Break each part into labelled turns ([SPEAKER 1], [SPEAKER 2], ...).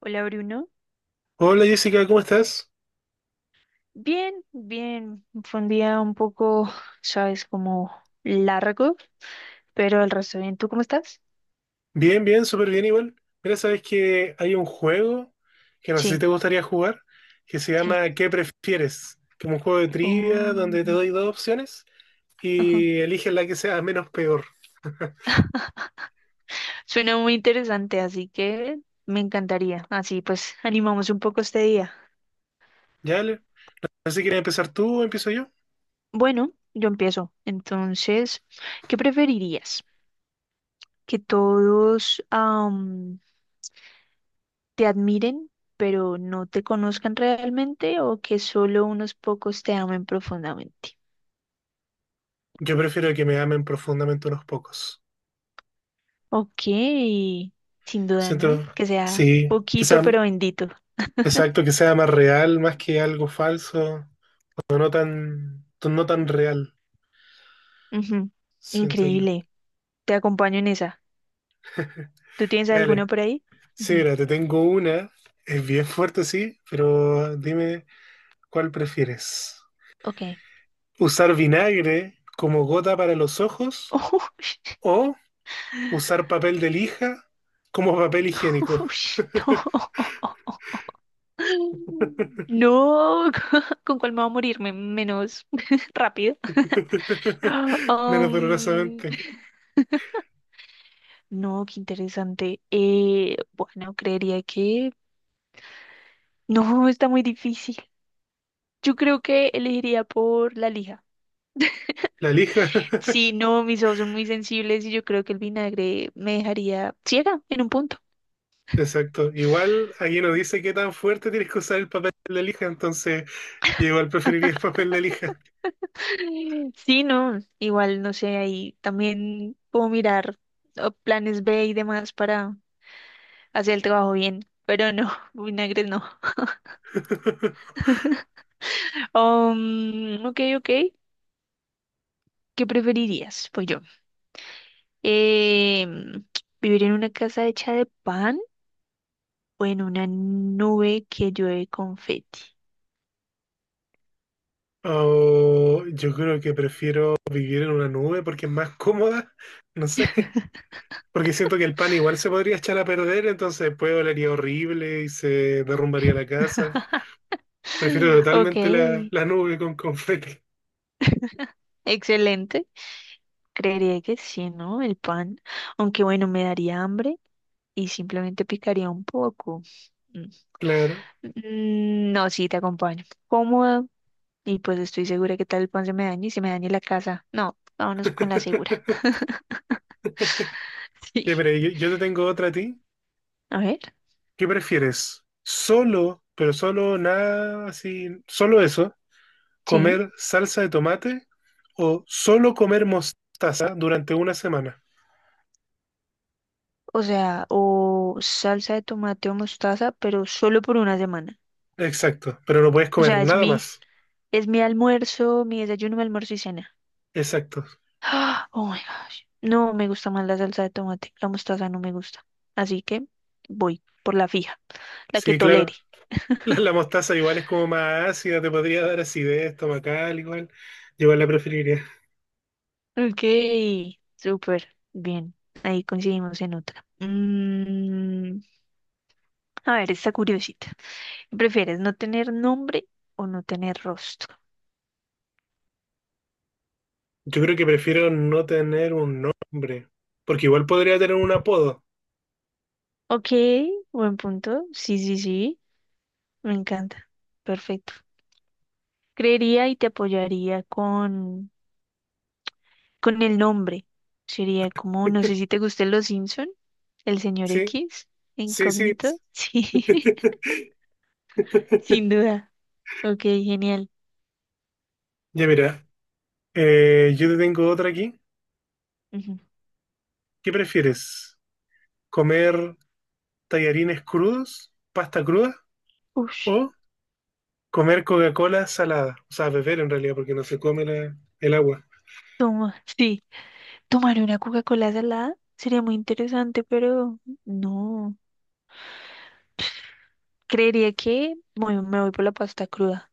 [SPEAKER 1] Hola Bruno.
[SPEAKER 2] Hola Jessica, ¿cómo estás?
[SPEAKER 1] Bien, bien. Fue un día un poco, sabes, como largo, pero el resto bien. ¿Tú cómo estás?
[SPEAKER 2] Bien, bien, súper bien igual. Mira, sabes que hay un juego que no sé si
[SPEAKER 1] Sí,
[SPEAKER 2] te gustaría jugar, que se
[SPEAKER 1] sí.
[SPEAKER 2] llama ¿Qué prefieres? Que es un juego de trivia
[SPEAKER 1] Oh,
[SPEAKER 2] donde te doy dos opciones
[SPEAKER 1] ajá.
[SPEAKER 2] y eliges la que sea menos peor.
[SPEAKER 1] Suena muy interesante, así que me encantaría. Así pues, animamos un poco este día.
[SPEAKER 2] ¿Ya? ¿Ale? No sé si quieres empezar tú o empiezo yo.
[SPEAKER 1] Bueno, yo empiezo. Entonces, ¿qué preferirías? ¿Que todos te admiren, pero no te conozcan realmente, o que solo unos pocos te amen profundamente?
[SPEAKER 2] Yo prefiero que me amen profundamente unos pocos.
[SPEAKER 1] Ok, sin duda, ¿no?
[SPEAKER 2] Siento,
[SPEAKER 1] Que sea
[SPEAKER 2] sí, que
[SPEAKER 1] poquito
[SPEAKER 2] sea,
[SPEAKER 1] pero bendito.
[SPEAKER 2] exacto, que sea más real, más que algo falso, o no tan, no tan real,
[SPEAKER 1] Ujú,
[SPEAKER 2] siento yo.
[SPEAKER 1] Increíble. Te acompaño en esa. ¿Tú tienes
[SPEAKER 2] Ya,
[SPEAKER 1] alguna por ahí?
[SPEAKER 2] sí,
[SPEAKER 1] Ujú,
[SPEAKER 2] mira, te tengo una. Es bien fuerte, sí, pero dime cuál prefieres.
[SPEAKER 1] Ok.
[SPEAKER 2] ¿Usar vinagre como gota para los ojos o usar papel de lija como papel higiénico?
[SPEAKER 1] Ush, no. No, ¿Con cuál me va a morirme? Menos rápido.
[SPEAKER 2] Menos
[SPEAKER 1] Um,
[SPEAKER 2] dolorosamente.
[SPEAKER 1] no, qué interesante. Bueno, creería que... No, está muy difícil. Yo creo que elegiría por la lija.
[SPEAKER 2] La lija.
[SPEAKER 1] Sí, no, mis ojos son muy sensibles y yo creo que el vinagre me dejaría ciega en un punto.
[SPEAKER 2] Exacto. Igual aquí no dice qué tan fuerte tienes que usar el papel de lija, entonces yo igual preferiría el papel de lija.
[SPEAKER 1] Sí, no, igual no sé, ahí también puedo mirar oh, planes B y demás para hacer el trabajo bien, pero no, vinagre no. Ok, ok, ¿qué preferirías? Pues yo, em, ¿vivir en una casa hecha de pan o en una nube que llueve confeti?
[SPEAKER 2] O yo creo que prefiero vivir en una nube porque es más cómoda. No sé. Porque siento que el pan igual se podría echar a perder, entonces después olería horrible y se derrumbaría la casa. Prefiero
[SPEAKER 1] Ok,
[SPEAKER 2] totalmente la nube con confeti.
[SPEAKER 1] excelente. Creería que sí, ¿no? El pan. Aunque bueno, me daría hambre y simplemente picaría un poco. Mm.
[SPEAKER 2] Claro.
[SPEAKER 1] Mm, no, sí, te acompaño. Cómoda y pues estoy segura que tal el pan se me dañe y se me dañe la casa. No, vámonos con la segura.
[SPEAKER 2] Ya,
[SPEAKER 1] Sí.
[SPEAKER 2] pero yo te tengo otra a ti.
[SPEAKER 1] A ver,
[SPEAKER 2] ¿Qué prefieres? Solo, pero solo nada así, solo eso,
[SPEAKER 1] sí.
[SPEAKER 2] comer salsa de tomate o solo comer mostaza durante una semana.
[SPEAKER 1] O sea, o salsa de tomate o mostaza, pero solo por una semana.
[SPEAKER 2] Exacto, pero no puedes
[SPEAKER 1] O
[SPEAKER 2] comer
[SPEAKER 1] sea, es
[SPEAKER 2] nada
[SPEAKER 1] mi,
[SPEAKER 2] más.
[SPEAKER 1] es mi almuerzo, mi desayuno, mi almuerzo y cena.
[SPEAKER 2] Exacto.
[SPEAKER 1] Ah, oh my gosh. No me gusta más la salsa de tomate. La mostaza no me gusta. Así que voy por la fija, la que
[SPEAKER 2] Sí,
[SPEAKER 1] tolere.
[SPEAKER 2] claro. La mostaza igual es como más ácida, te podría dar acidez estomacal igual. Yo igual la preferiría.
[SPEAKER 1] Ok, súper. Bien. Ahí coincidimos en otra. A ver, esta curiosita. ¿Qué ¿Prefieres no tener nombre o no tener rostro?
[SPEAKER 2] Yo creo que prefiero no tener un nombre, porque igual podría tener un apodo.
[SPEAKER 1] Ok, buen punto. Sí, sí, sí. Me encanta. Perfecto. Creería y te apoyaría con el nombre. Sería como, no sé si te gusten los Simpson, el señor
[SPEAKER 2] Sí,
[SPEAKER 1] X,
[SPEAKER 2] sí, sí.
[SPEAKER 1] incógnito. Sí, sin duda. Ok, genial.
[SPEAKER 2] Ya mira, yo te tengo otra aquí.
[SPEAKER 1] Ujú.
[SPEAKER 2] ¿Qué prefieres? ¿Comer tallarines crudos, pasta cruda
[SPEAKER 1] Ush,
[SPEAKER 2] o comer Coca-Cola salada? O sea, beber en realidad, porque no se come el agua.
[SPEAKER 1] toma, sí, tomar una Coca-Cola salada sería muy interesante, pero no. Creería que me voy por la pasta cruda.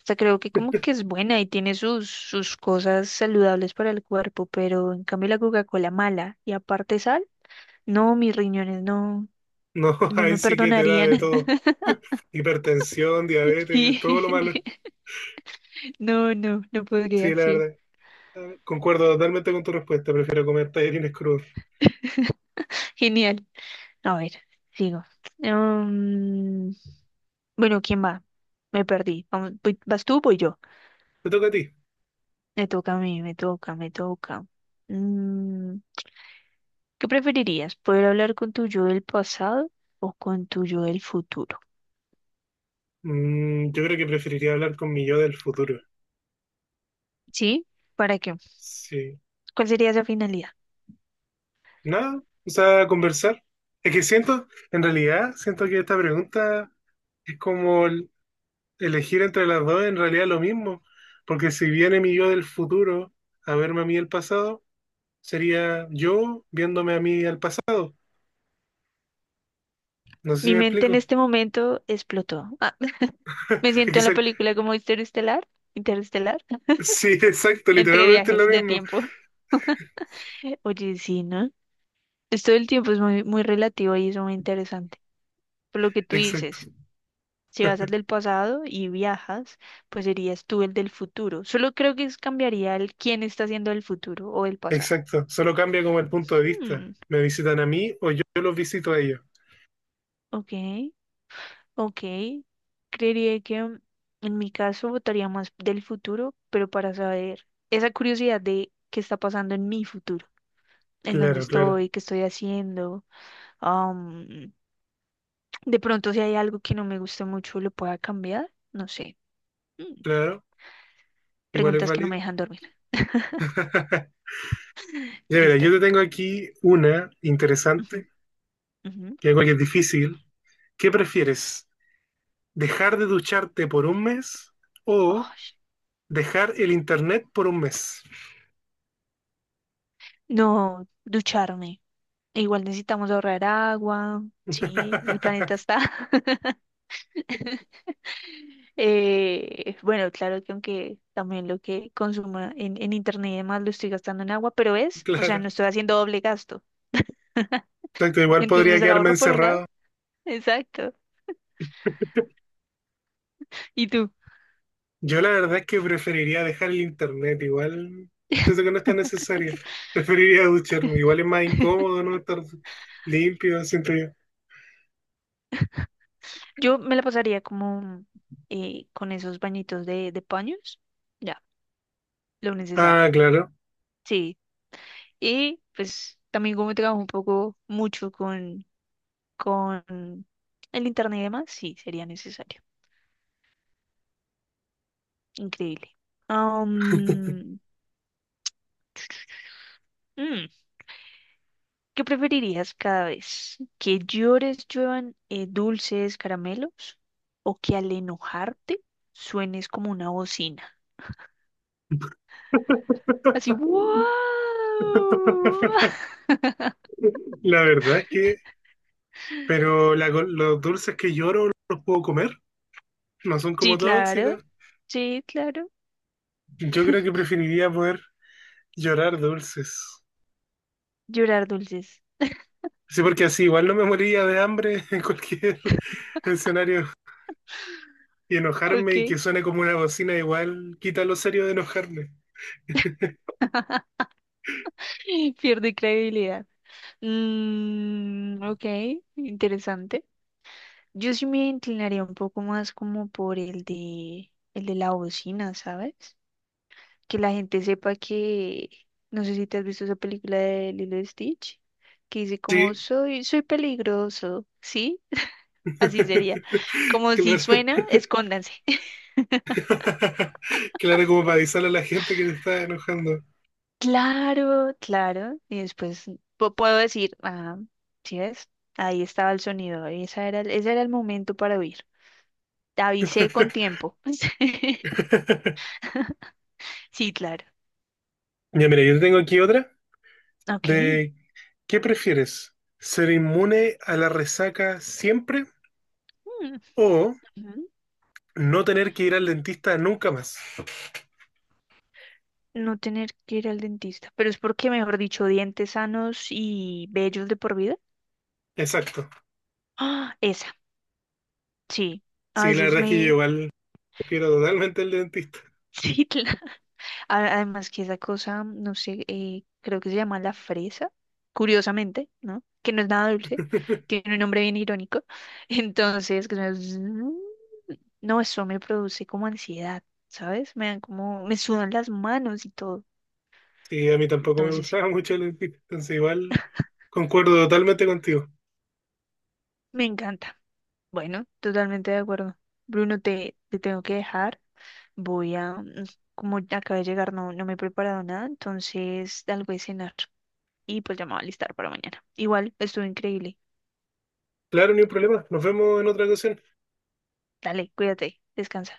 [SPEAKER 1] O sea, creo que como que es buena y tiene sus cosas saludables para el cuerpo, pero en cambio la Coca-Cola mala y aparte sal, no, mis riñones no,
[SPEAKER 2] No,
[SPEAKER 1] no
[SPEAKER 2] ahí
[SPEAKER 1] me
[SPEAKER 2] sí que te da de
[SPEAKER 1] perdonarían.
[SPEAKER 2] todo. Hipertensión, diabetes, todo lo malo.
[SPEAKER 1] Sí, no, no, no
[SPEAKER 2] Sí,
[SPEAKER 1] podría,
[SPEAKER 2] la
[SPEAKER 1] sí.
[SPEAKER 2] verdad. Concuerdo totalmente con tu respuesta, prefiero comer tallarines crudos.
[SPEAKER 1] Genial. A ver, sigo. Mm, bueno, ¿quién va? Me perdí. Vamos, ¿vas tú o voy yo?
[SPEAKER 2] Te toca a ti.
[SPEAKER 1] Me toca a mí, me toca, me toca. Mm, ¿Qué preferirías? ¿Poder hablar con tu yo del pasado o con tu yo del futuro?
[SPEAKER 2] Yo creo que preferiría hablar con mi yo del futuro.
[SPEAKER 1] ¿Sí? ¿Para qué?
[SPEAKER 2] Sí.
[SPEAKER 1] ¿Cuál sería esa finalidad?
[SPEAKER 2] Nada, o sea, conversar. Es que siento, en realidad, siento que esta pregunta es como elegir entre las dos, en realidad lo mismo. Porque si viene mi yo del futuro a verme a mí el pasado, sería yo viéndome a mí al pasado. No sé si
[SPEAKER 1] Mi
[SPEAKER 2] me
[SPEAKER 1] mente en
[SPEAKER 2] explico.
[SPEAKER 1] este momento explotó. Ah, me
[SPEAKER 2] Es
[SPEAKER 1] siento
[SPEAKER 2] que
[SPEAKER 1] en la
[SPEAKER 2] ser-
[SPEAKER 1] película como Interestelar, Interestelar,
[SPEAKER 2] sí, exacto,
[SPEAKER 1] entre
[SPEAKER 2] literalmente es lo
[SPEAKER 1] viajes de
[SPEAKER 2] mismo.
[SPEAKER 1] tiempo. Oye, sí, ¿no? Esto del tiempo es muy, muy relativo y es muy interesante. Por lo que tú dices,
[SPEAKER 2] Exacto.
[SPEAKER 1] si vas al del pasado y viajas, pues serías tú el del futuro. Solo creo que cambiaría el quién está haciendo el futuro o el pasado.
[SPEAKER 2] Exacto, solo cambia como el punto de
[SPEAKER 1] Hmm,
[SPEAKER 2] vista. ¿Me visitan a mí o yo los visito a ellos?
[SPEAKER 1] ok, ok. Creería que en mi caso votaría más del futuro, pero para saber esa curiosidad de qué está pasando en mi futuro, en dónde
[SPEAKER 2] Claro, claro,
[SPEAKER 1] estoy, qué estoy haciendo. am, de pronto si hay algo que no me guste mucho, lo pueda cambiar. No sé.
[SPEAKER 2] claro, igual es
[SPEAKER 1] Preguntas que no
[SPEAKER 2] válido.
[SPEAKER 1] me dejan dormir.
[SPEAKER 2] Ya verás,
[SPEAKER 1] Listo.
[SPEAKER 2] yo te tengo aquí una
[SPEAKER 1] Ujú,
[SPEAKER 2] interesante,
[SPEAKER 1] ujú.
[SPEAKER 2] que algo que es difícil. ¿Qué prefieres? ¿Dejar de ducharte por un mes
[SPEAKER 1] Oh,
[SPEAKER 2] o dejar el internet por un mes?
[SPEAKER 1] no, ducharme. E igual necesitamos ahorrar agua. Sí, el planeta está. Bueno, claro que aunque también lo que consuma en internet y demás lo estoy gastando en agua, pero es, o sea,
[SPEAKER 2] Claro,
[SPEAKER 1] no estoy haciendo doble gasto.
[SPEAKER 2] exacto, igual podría
[SPEAKER 1] Entonces
[SPEAKER 2] quedarme
[SPEAKER 1] ahorro por un
[SPEAKER 2] encerrado.
[SPEAKER 1] lado. Exacto. ¿Y tú?
[SPEAKER 2] Yo la verdad es que preferiría dejar el internet, igual siento que no es tan necesario. Preferiría ducharme, igual es más incómodo no estar limpio, siento yo.
[SPEAKER 1] Yo me la pasaría como con esos bañitos de paños. Ya, lo necesario.
[SPEAKER 2] Ah, claro.
[SPEAKER 1] Sí, y pues también como trabajo un poco mucho con el internet y demás, sí, sería necesario. Increíble. Am, mm, ¿Qué preferirías cada vez? ¿Que llores, lluevan dulces, caramelos? ¿O que al enojarte suenes como una bocina? Así, ¡wow!
[SPEAKER 2] La verdad es que, pero los dulces que lloro los puedo comer, no son
[SPEAKER 1] Sí,
[SPEAKER 2] como
[SPEAKER 1] claro.
[SPEAKER 2] tóxicos.
[SPEAKER 1] Sí, claro.
[SPEAKER 2] Yo creo que preferiría poder llorar dulces.
[SPEAKER 1] Llorar dulces.
[SPEAKER 2] Sí, porque así igual no me moriría de hambre en cualquier escenario. Y enojarme y
[SPEAKER 1] Ok.
[SPEAKER 2] que suene como una bocina igual quita lo serio de enojarme.
[SPEAKER 1] Pierde credibilidad. Ok, interesante. Yo sí me inclinaría un poco más como por el de la bocina, ¿sabes? Que la gente sepa que, no sé si te has visto esa película de Lilo y Stitch, que dice como
[SPEAKER 2] Sí.
[SPEAKER 1] soy, soy peligroso, ¿sí? Así sería. Como si
[SPEAKER 2] Claro.
[SPEAKER 1] suena, escóndanse.
[SPEAKER 2] Claro, como para avisarle a la gente que te está enojando.
[SPEAKER 1] Claro, claro. Y después puedo decir, ah, ¿sí ves? Ahí estaba el sonido, ese era el momento para huir. Te avisé con tiempo. Sí, claro.
[SPEAKER 2] Ya, mira, yo tengo aquí otra
[SPEAKER 1] Ok.
[SPEAKER 2] de ¿qué prefieres? ¿Ser inmune a la resaca siempre
[SPEAKER 1] Mm,
[SPEAKER 2] o
[SPEAKER 1] ujú.
[SPEAKER 2] no tener que ir al dentista nunca más?
[SPEAKER 1] No tener que ir al dentista, pero es porque, mejor dicho, dientes sanos y bellos de por vida.
[SPEAKER 2] Exacto.
[SPEAKER 1] Ah, esa, sí. A
[SPEAKER 2] Sí, la
[SPEAKER 1] veces
[SPEAKER 2] verdad es que yo
[SPEAKER 1] me...
[SPEAKER 2] igual prefiero totalmente el dentista.
[SPEAKER 1] Sí, claro. Además que esa cosa, no sé, creo que se llama la fresa, curiosamente, ¿no? Que no es nada dulce, tiene un nombre bien irónico. Entonces, no, eso me produce como ansiedad, ¿sabes? Me dan como, me sudan las manos y todo.
[SPEAKER 2] Sí, a mí tampoco me
[SPEAKER 1] Entonces, sí,
[SPEAKER 2] gustaba mucho el dentista, entonces igual concuerdo totalmente contigo.
[SPEAKER 1] me encanta. Bueno, totalmente de acuerdo. Bruno, te tengo que dejar. Voy a, como ya acabé de llegar, no, no me he preparado nada, entonces algo de cenar. Y pues ya me voy a alistar para mañana. Igual, estuvo increíble.
[SPEAKER 2] Claro, ni un problema. Nos vemos en otra ocasión.
[SPEAKER 1] Dale, cuídate, descansa.